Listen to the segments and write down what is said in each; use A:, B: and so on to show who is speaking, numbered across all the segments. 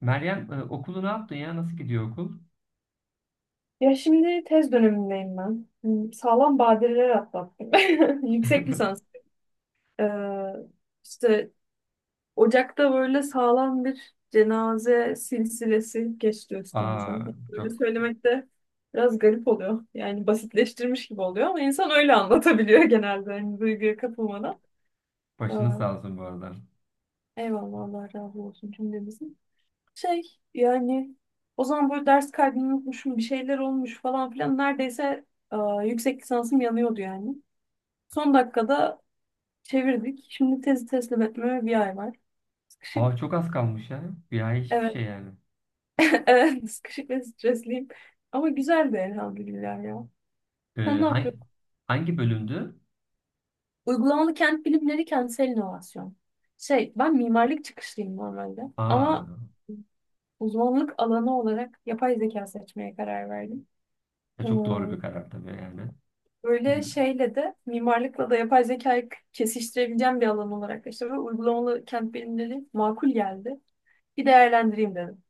A: Meryem okulu ne yaptın ya? Nasıl gidiyor okul?
B: Ya şimdi tez dönemindeyim ben. Sağlam badireler atlattım. Yüksek lisans. Ee, işte Ocak'ta böyle sağlam bir cenaze silsilesi geçti
A: Aa,
B: üstümüzden. Böyle
A: çok.
B: söylemek de biraz garip oluyor. Yani basitleştirmiş gibi oluyor ama insan öyle anlatabiliyor genelde. Yani duyguya kapılmadan. Ee,
A: Başını sağ olsun bu arada.
B: eyvallah, Allah razı olsun cümlemizin. Şey yani o zaman böyle ders kaydını unutmuşum, bir şeyler olmuş falan filan, neredeyse e, yüksek lisansım yanıyordu yani. Son dakikada çevirdik. Şimdi tezi teslim etmeme bir ay var.
A: Aa,
B: Sıkışık.
A: çok az kalmış ya. Bir ay hiçbir
B: Evet.
A: şey yani.
B: Evet, sıkışık ve stresliyim. Ama güzel güzeldi elhamdülillah ya. Sen
A: Ee,
B: ne
A: hangi,
B: yapıyorsun?
A: Hangi bölümdü?
B: Uygulamalı kent bilimleri, kentsel inovasyon. Ben mimarlık çıkışlıyım normalde,
A: Aa,
B: ama uzmanlık alanı olarak yapay zeka seçmeye karar verdim. Ee,
A: çok doğru bir karar tabii yani.
B: Böyle
A: Gü-
B: şeyle de mimarlıkla da yapay zekayı kesiştirebileceğim bir alan olarak işte ve uygulamalı kent bilimleri makul geldi. Bir değerlendireyim dedim.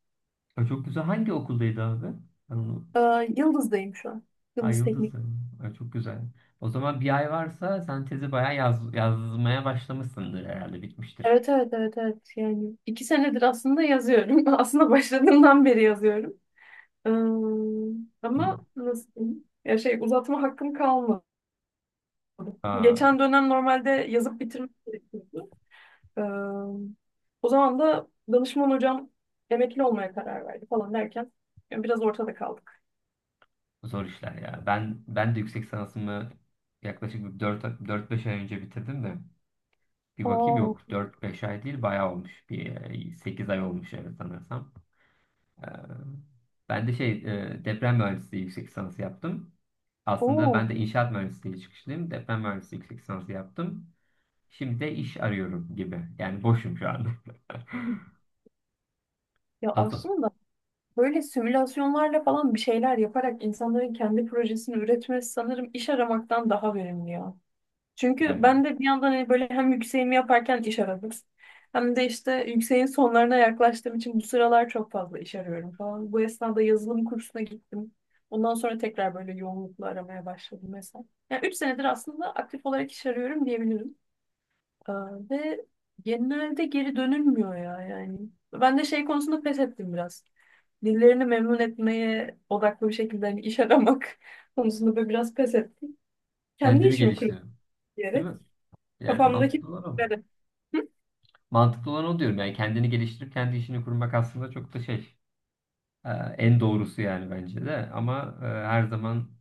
A: çok güzel. Hangi okuldaydı abi? Ben onu.
B: Yıldız'dayım şu an.
A: Ay
B: Yıldız
A: Yıldız.
B: Teknik.
A: Ay, çok güzel. O zaman bir ay varsa sen tezi bayağı yazmaya başlamışsındır, herhalde bitmiştir.
B: Evet evet evet evet, yani iki senedir aslında yazıyorum. Aslında başladığımdan beri yazıyorum. Ee, ama nasıl diyeyim? Ya uzatma hakkım kalmadı.
A: Aa,
B: Geçen dönem normalde yazıp bitirmek gerekiyordu. Ee, o zaman da danışman hocam emekli olmaya karar verdi falan derken yani biraz ortada kaldık.
A: zor işler ya. Ben de yüksek sanatımı yaklaşık 4-5 ay önce bitirdim de. Bir bakayım,
B: Oo,
A: yok, 4-5 ay değil, bayağı olmuş. Sekiz ay olmuş, evet sanırsam. Ee, Ben de şey, deprem mühendisliği yüksek lisansı yaptım. Aslında
B: oo.
A: ben de inşaat mühendisliği çıkışlıyım. Deprem mühendisliği yüksek lisansı yaptım. Şimdi de iş arıyorum gibi. Yani boşum şu anda.
B: Ya
A: Aslında
B: aslında böyle simülasyonlarla falan bir şeyler yaparak insanların kendi projesini üretmesi, sanırım iş aramaktan daha verimli ya. Çünkü
A: yani
B: ben de bir yandan hani böyle hem yükseğimi yaparken iş aradım. Hem de işte yükseğin sonlarına yaklaştığım için bu sıralar çok fazla iş arıyorum falan. Bu esnada yazılım kursuna gittim. Ondan sonra tekrar böyle yoğunlukla aramaya başladım mesela. Yani 3 senedir aslında aktif olarak iş arıyorum diyebilirim. Ee, ve genelde geri dönülmüyor ya yani. Ben de şey konusunda pes ettim biraz. Birilerini memnun etmeye odaklı bir şekilde hani iş aramak konusunda böyle biraz pes ettim. Kendi
A: kendimi
B: işimi kurup
A: geliştiriyorum. Değil mi? Yani
B: kafamdaki
A: mantıklı olan o.
B: fikirleri. Hı?
A: Mantıklı olan o diyorum. Yani kendini geliştirip kendi işini kurmak aslında çok da şey, e, en doğrusu yani bence de. Ama her zaman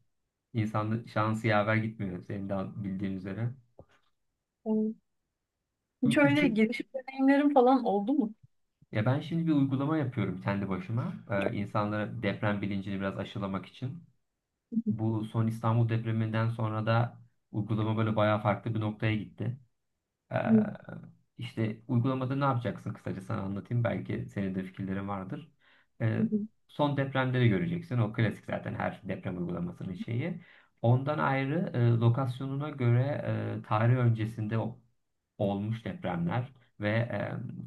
A: İnsanın şansı yaver gitmiyor, senin de bildiğin üzere.
B: Yani hiç
A: Üç.
B: öyle giriş deneyimlerim falan oldu mu?
A: Ya ben şimdi bir uygulama yapıyorum kendi başıma. İnsanlara deprem bilincini biraz aşılamak için.
B: Hı,
A: Bu son İstanbul depreminden sonra da uygulama böyle bayağı farklı bir noktaya gitti. Ee,
B: hı,
A: işte uygulamada ne yapacaksın kısaca sana anlatayım. Belki senin de fikirlerin vardır. Ee,
B: hı,
A: Son depremleri göreceksin. O klasik zaten, her deprem uygulamasının şeyi. Ondan ayrı lokasyonuna göre tarih öncesinde o olmuş depremler ve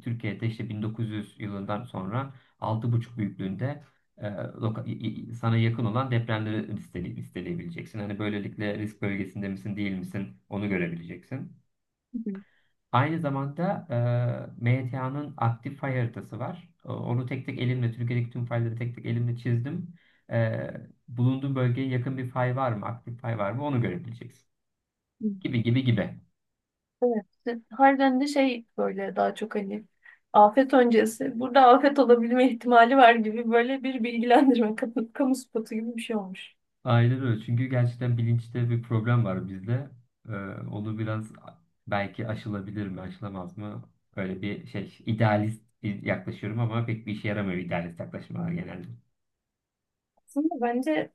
A: Türkiye'de işte 1900 yılından sonra 6,5 büyüklüğünde sana yakın olan depremleri listeleyebileceksin. Hani böylelikle risk bölgesinde misin, değil misin, onu görebileceksin.
B: hı, hı.
A: Aynı zamanda MTA'nın aktif fay haritası var. Onu tek tek elimle, Türkiye'deki tüm fayları tek tek elimle çizdim. E, Bulunduğun bölgeye yakın bir fay var mı, aktif fay var mı, onu görebileceksin.
B: Hı.
A: Gibi gibi gibi.
B: Evet. işte harbiden de şey böyle daha çok hani afet öncesi. Burada afet olabilme ihtimali var gibi böyle bir bilgilendirme, kamu spotu gibi bir şey olmuş.
A: Aynen öyle. Çünkü gerçekten bilinçte bir problem var bizde. Ee, Onu biraz belki aşılabilir mi, aşılamaz mı? Öyle bir şey, idealist yaklaşıyorum ama pek bir işe yaramıyor, idealist yaklaşmalar genelde.
B: Aslında bence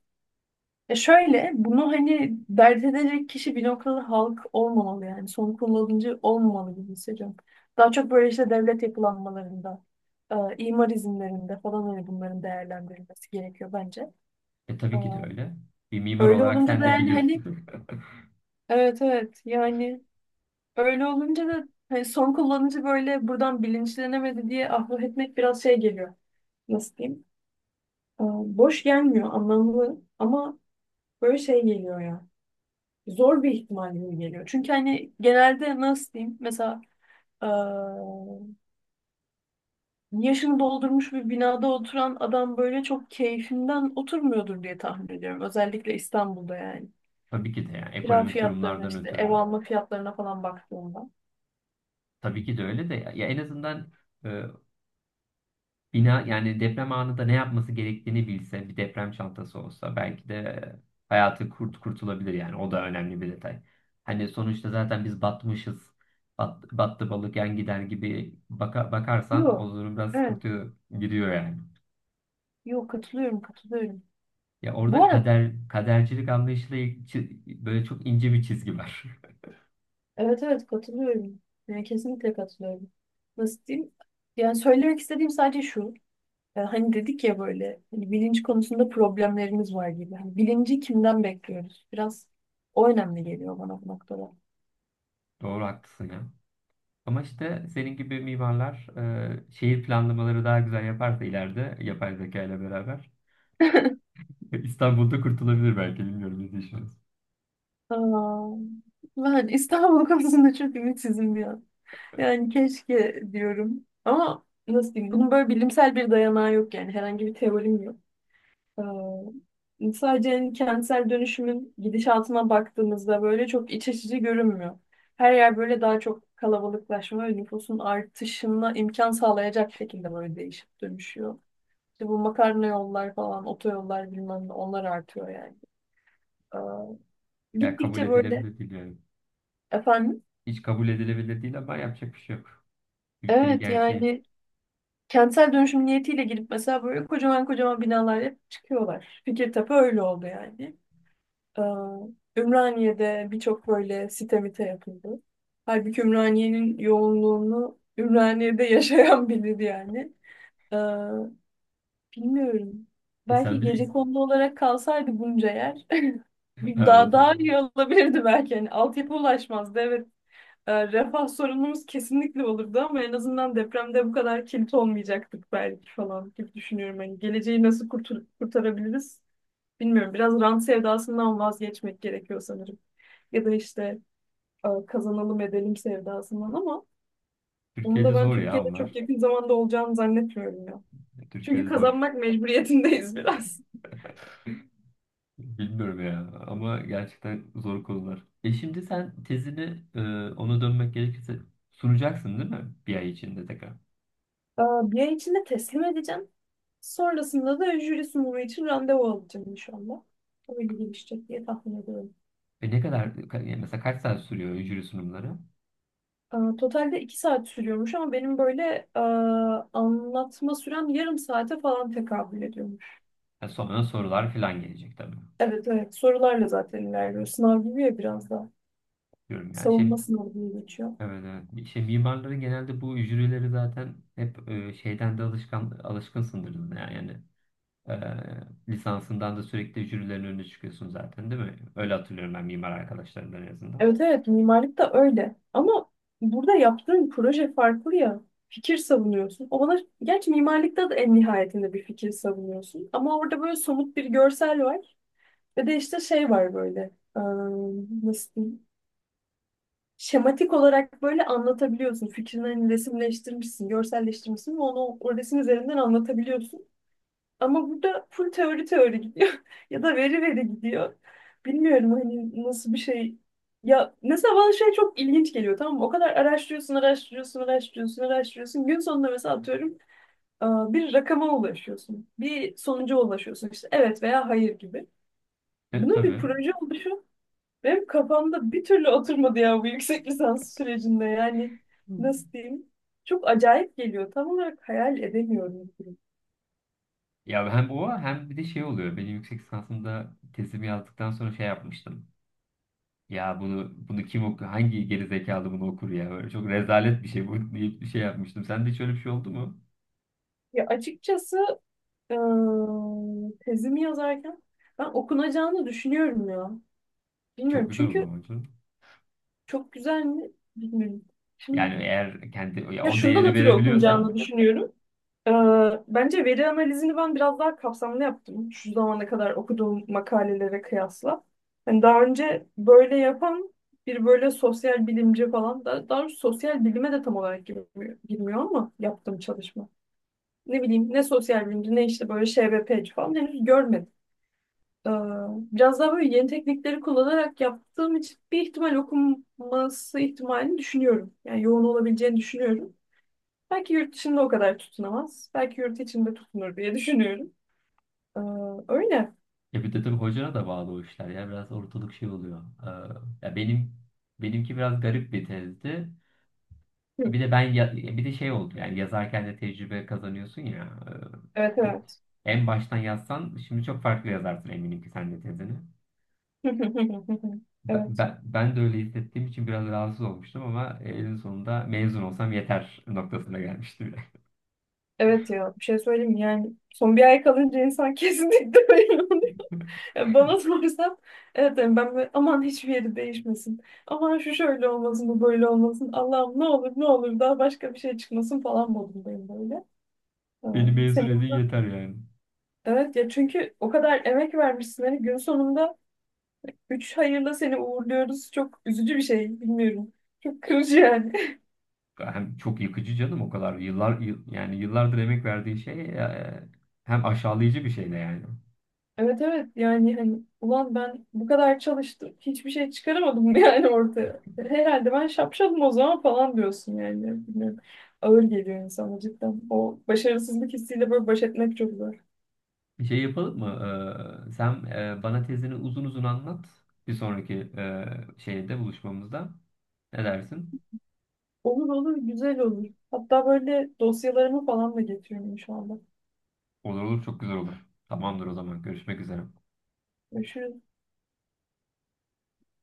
B: ya şöyle, bunu hani dert edecek kişi bir noktada halk olmamalı, yani son kullanıcı olmamalı gibi hissediyorum. Daha çok böyle işte devlet yapılanmalarında, imar izinlerinde falan, hani bunların değerlendirilmesi gerekiyor bence.
A: E
B: E,
A: tabii ki de öyle. Bir mimar
B: öyle
A: olarak
B: olunca
A: sen
B: da
A: de
B: yani hani,
A: biliyorsun.
B: evet evet yani, öyle olunca da hani son kullanıcı böyle buradan bilinçlenemedi diye ahlak etmek biraz şey geliyor. Nasıl diyeyim? E, boş gelmiyor, anlamlı, ama böyle şey geliyor ya. Zor bir ihtimal gibi geliyor. Çünkü hani genelde nasıl diyeyim, mesela eee, yaşını doldurmuş bir binada oturan adam böyle çok keyfinden oturmuyordur diye tahmin ediyorum. Özellikle İstanbul'da yani.
A: Tabii ki de yani,
B: Kira
A: ekonomik
B: fiyatlarına,
A: durumlardan
B: işte ev
A: ötürü.
B: alma fiyatlarına falan baktığımda.
A: Tabii ki de öyle de ya, en azından e, bina, yani deprem anında ne yapması gerektiğini bilse, bir deprem çantası olsa, belki de hayatı kurtulabilir, yani o da önemli bir detay. Hani sonuçta zaten biz batmışız. Battı balık yan gider gibi bakarsan,
B: Yok.
A: o durum biraz
B: Evet.
A: sıkıntı giriyor yani.
B: Yok, katılıyorum katılıyorum.
A: Ya
B: Bu
A: orada
B: arada
A: kader, kadercilik anlayışıyla böyle çok ince bir çizgi var.
B: evet evet katılıyorum. Yani kesinlikle katılıyorum. Nasıl diyeyim? Yani söylemek istediğim sadece şu. E, hani dedik ya böyle, hani bilinç konusunda problemlerimiz var gibi. Hani bilinci kimden bekliyoruz? Biraz o önemli geliyor bana bu noktada.
A: Doğru, haklısın ya. Ama işte senin gibi mimarlar şehir planlamaları daha güzel yaparsa, ileride yapay zeka ile beraber İstanbul'da kurtulabilir belki, bilmiyorum, ne düşünüyorsun?
B: Aa, ben İstanbul konusunda çok ümitsizim bir an. Yani keşke diyorum. Ama nasıl diyeyim? Bunun böyle bilimsel bir dayanağı yok yani. Herhangi bir teorim yok. Sadece hani kentsel dönüşümün gidişatına baktığımızda böyle çok iç açıcı görünmüyor. Her yer böyle daha çok kalabalıklaşma ve nüfusun artışına imkan sağlayacak şekilde böyle değişip dönüşüyor. İşte bu makarna yollar falan, otoyollar, bilmem ne, onlar artıyor yani.
A: Ya, kabul
B: Gittikçe böyle
A: edilebilir değil yani.
B: efendim,
A: Hiç kabul edilebilir değil ama yapacak bir şey yok. Ülkenin
B: evet
A: gerçeği.
B: yani, kentsel dönüşüm niyetiyle girip mesela böyle kocaman kocaman binalar yapıp çıkıyorlar. Fikirtepe öyle oldu yani. Ee, Ümraniye'de birçok böyle site mite yapıldı. Halbuki Ümraniye'nin yoğunluğunu Ümraniye'de yaşayan bilir yani. Ee, bilmiyorum. Belki
A: Sen bir de İst-
B: gecekondu olarak kalsaydı bunca yer bir
A: Ha,
B: daha
A: oldu.
B: daha iyi olabilirdi belki. Yani altyapı ulaşmazdı. Evet. Refah sorunumuz kesinlikle olurdu, ama en azından depremde bu kadar kilit olmayacaktık belki falan gibi düşünüyorum. Hani geleceği nasıl kurtarabiliriz? Bilmiyorum. Biraz rant sevdasından vazgeçmek gerekiyor sanırım, ya da işte kazanalım edelim sevdasından, ama onu da
A: Türkiye'de
B: ben
A: zor ya
B: Türkiye'de çok
A: onlar.
B: yakın zamanda olacağını zannetmiyorum ya. Çünkü
A: Türkiye'de zor.
B: kazanmak mecburiyetindeyiz biraz.
A: Bilmiyorum ya, ama gerçekten zor konular. Şimdi sen tezini, e, ona dönmek gerekirse, sunacaksın değil mi? Bir ay içinde tekrar.
B: E, bir ay içinde teslim edeceğim. Sonrasında da jüri sunumu için randevu alacağım inşallah. Öyle gelişecek diye tahmin ediyorum.
A: Ne kadar mesela, kaç saat sürüyor jüri sunumları?
B: E, totalde iki saat sürüyormuş ama benim böyle e, anlatma sürem yarım saate falan tekabül ediyormuş.
A: Ha, sonra sorular falan gelecek tabii.
B: Evet evet, sorularla zaten ilerliyor. Sınav gibi ya biraz da.
A: Diyorum yani. Şey,
B: Savunma sınavı diye geçiyor.
A: evet, evet. Şey, mimarları genelde bu jürileri zaten hep şeyden de alışkınsındır. Yani, lisansından da sürekli jürilerin önüne çıkıyorsun zaten, değil mi? Öyle hatırlıyorum ben, mimar arkadaşlarımdan en azından.
B: Evet evet, mimarlık da öyle. Ama burada yaptığın proje farklı ya. Fikir savunuyorsun. O bana, gerçi mimarlıkta da en nihayetinde bir fikir savunuyorsun. Ama orada böyle somut bir görsel var. Ve de işte şey var böyle. ıı, nasıl diyeyim? Şematik olarak böyle anlatabiliyorsun. Fikrini hani resimleştirmişsin, görselleştirmişsin ve onu o resim üzerinden anlatabiliyorsun. Ama burada full teori teori gidiyor ya da veri veri gidiyor. Bilmiyorum hani nasıl bir şey. Ya mesela bana şey çok ilginç geliyor, tamam mı? O kadar araştırıyorsun, araştırıyorsun, araştırıyorsun, araştırıyorsun. Gün sonunda mesela atıyorum bir rakama ulaşıyorsun. Bir sonuca ulaşıyorsun işte, evet veya hayır gibi.
A: Evet
B: Bunun bir
A: tabii.
B: proje oluşu benim kafamda bir türlü oturmadı ya bu yüksek lisans sürecinde. Yani
A: Hı.
B: nasıl diyeyim? Çok acayip geliyor. Tam olarak hayal edemiyorum.
A: Ya hem o, hem bir de şey oluyor. Benim yüksek lisansımda tezimi yazdıktan sonra şey yapmıştım. Ya bunu kim okuyor? Hangi geri zekalı bunu okur ya? Böyle çok rezalet bir şey bu deyip bir şey yapmıştım. Sende hiç öyle bir şey oldu mu?
B: Ya açıkçası Ee, tezimi yazarken ben okunacağını düşünüyorum ya. Bilmiyorum,
A: Çok güzel o
B: çünkü
A: zaman.
B: çok güzel mi bilmiyorum. Şimdi
A: Yani eğer kendi, ya,
B: ya
A: o
B: şundan
A: değeri
B: ötürü
A: verebiliyorsan.
B: okunacağını düşünüyorum. Ee, bence veri analizini ben biraz daha kapsamlı yaptım. Şu zamana kadar okuduğum makalelere kıyasla. Hani daha önce böyle yapan bir böyle sosyal bilimci falan da, daha doğrusu sosyal bilime de tam olarak girmiyor ama yaptığım çalışma. Ne bileyim, ne sosyal bilimci ne işte böyle ŞBP'ci falan henüz görmedim. Ee, biraz daha böyle yeni teknikleri kullanarak yaptığım için bir ihtimal okunması ihtimalini düşünüyorum. Yani yoğun olabileceğini düşünüyorum. Belki yurt dışında o kadar tutunamaz. Belki yurt içinde tutunur diye düşünüyorum. Ee, öyle.
A: Ya bir de tabii hocana da bağlı o işler ya, biraz ortalık şey oluyor. Ya benimki biraz garip bir tezdi.
B: Hı.
A: Bir de ben ya- bir de şey oldu, yani yazarken de tecrübe kazanıyorsun ya.
B: Evet
A: e, bir-
B: evet.
A: en baştan yazsan şimdi çok farklı yazarsın, eminim ki sen de tezini. Ben,
B: Evet.
A: ben, ben de öyle hissettiğim için biraz rahatsız olmuştum ama en sonunda mezun olsam yeter noktasına gelmişti bile.
B: Evet, ya bir şey söyleyeyim mi? Yani son bir ay kalınca insan kesinlikle öyle. Ya bana sorarsan, evet derim ben böyle, aman hiçbir yeri değişmesin. Aman şu şöyle olmasın, bu böyle olmasın. Allah'ım ne olur ne olur daha başka bir şey çıkmasın falan modundayım böyle.
A: Beni mezun
B: Senin,
A: edin yeter yani.
B: evet ya, çünkü o kadar emek vermişsin hani gün sonunda üç hayırla seni uğurluyoruz. Çok üzücü bir şey, bilmiyorum. Çok kırıcı yani.
A: Hem çok yıkıcı canım, o kadar yıllar yani yıllardır emek verdiği şey, hem aşağılayıcı bir şey de yani.
B: Evet evet, yani hani ulan ben bu kadar çalıştım hiçbir şey çıkaramadım yani ortaya. Herhalde ben şapşalım o zaman falan diyorsun yani. Bilmiyorum. Ağır geliyor insana cidden. O başarısızlık hissiyle böyle baş etmek çok zor.
A: Bir şey yapalım mı? Sen bana tezini uzun uzun anlat, bir sonraki şeyde buluşmamızda. Ne dersin?
B: Olur olur, güzel olur. Hatta böyle dosyalarımı falan da getiriyorum inşallah.
A: Olur olur, çok güzel olur. Tamamdır, o zaman görüşmek üzere.
B: Görüşürüz.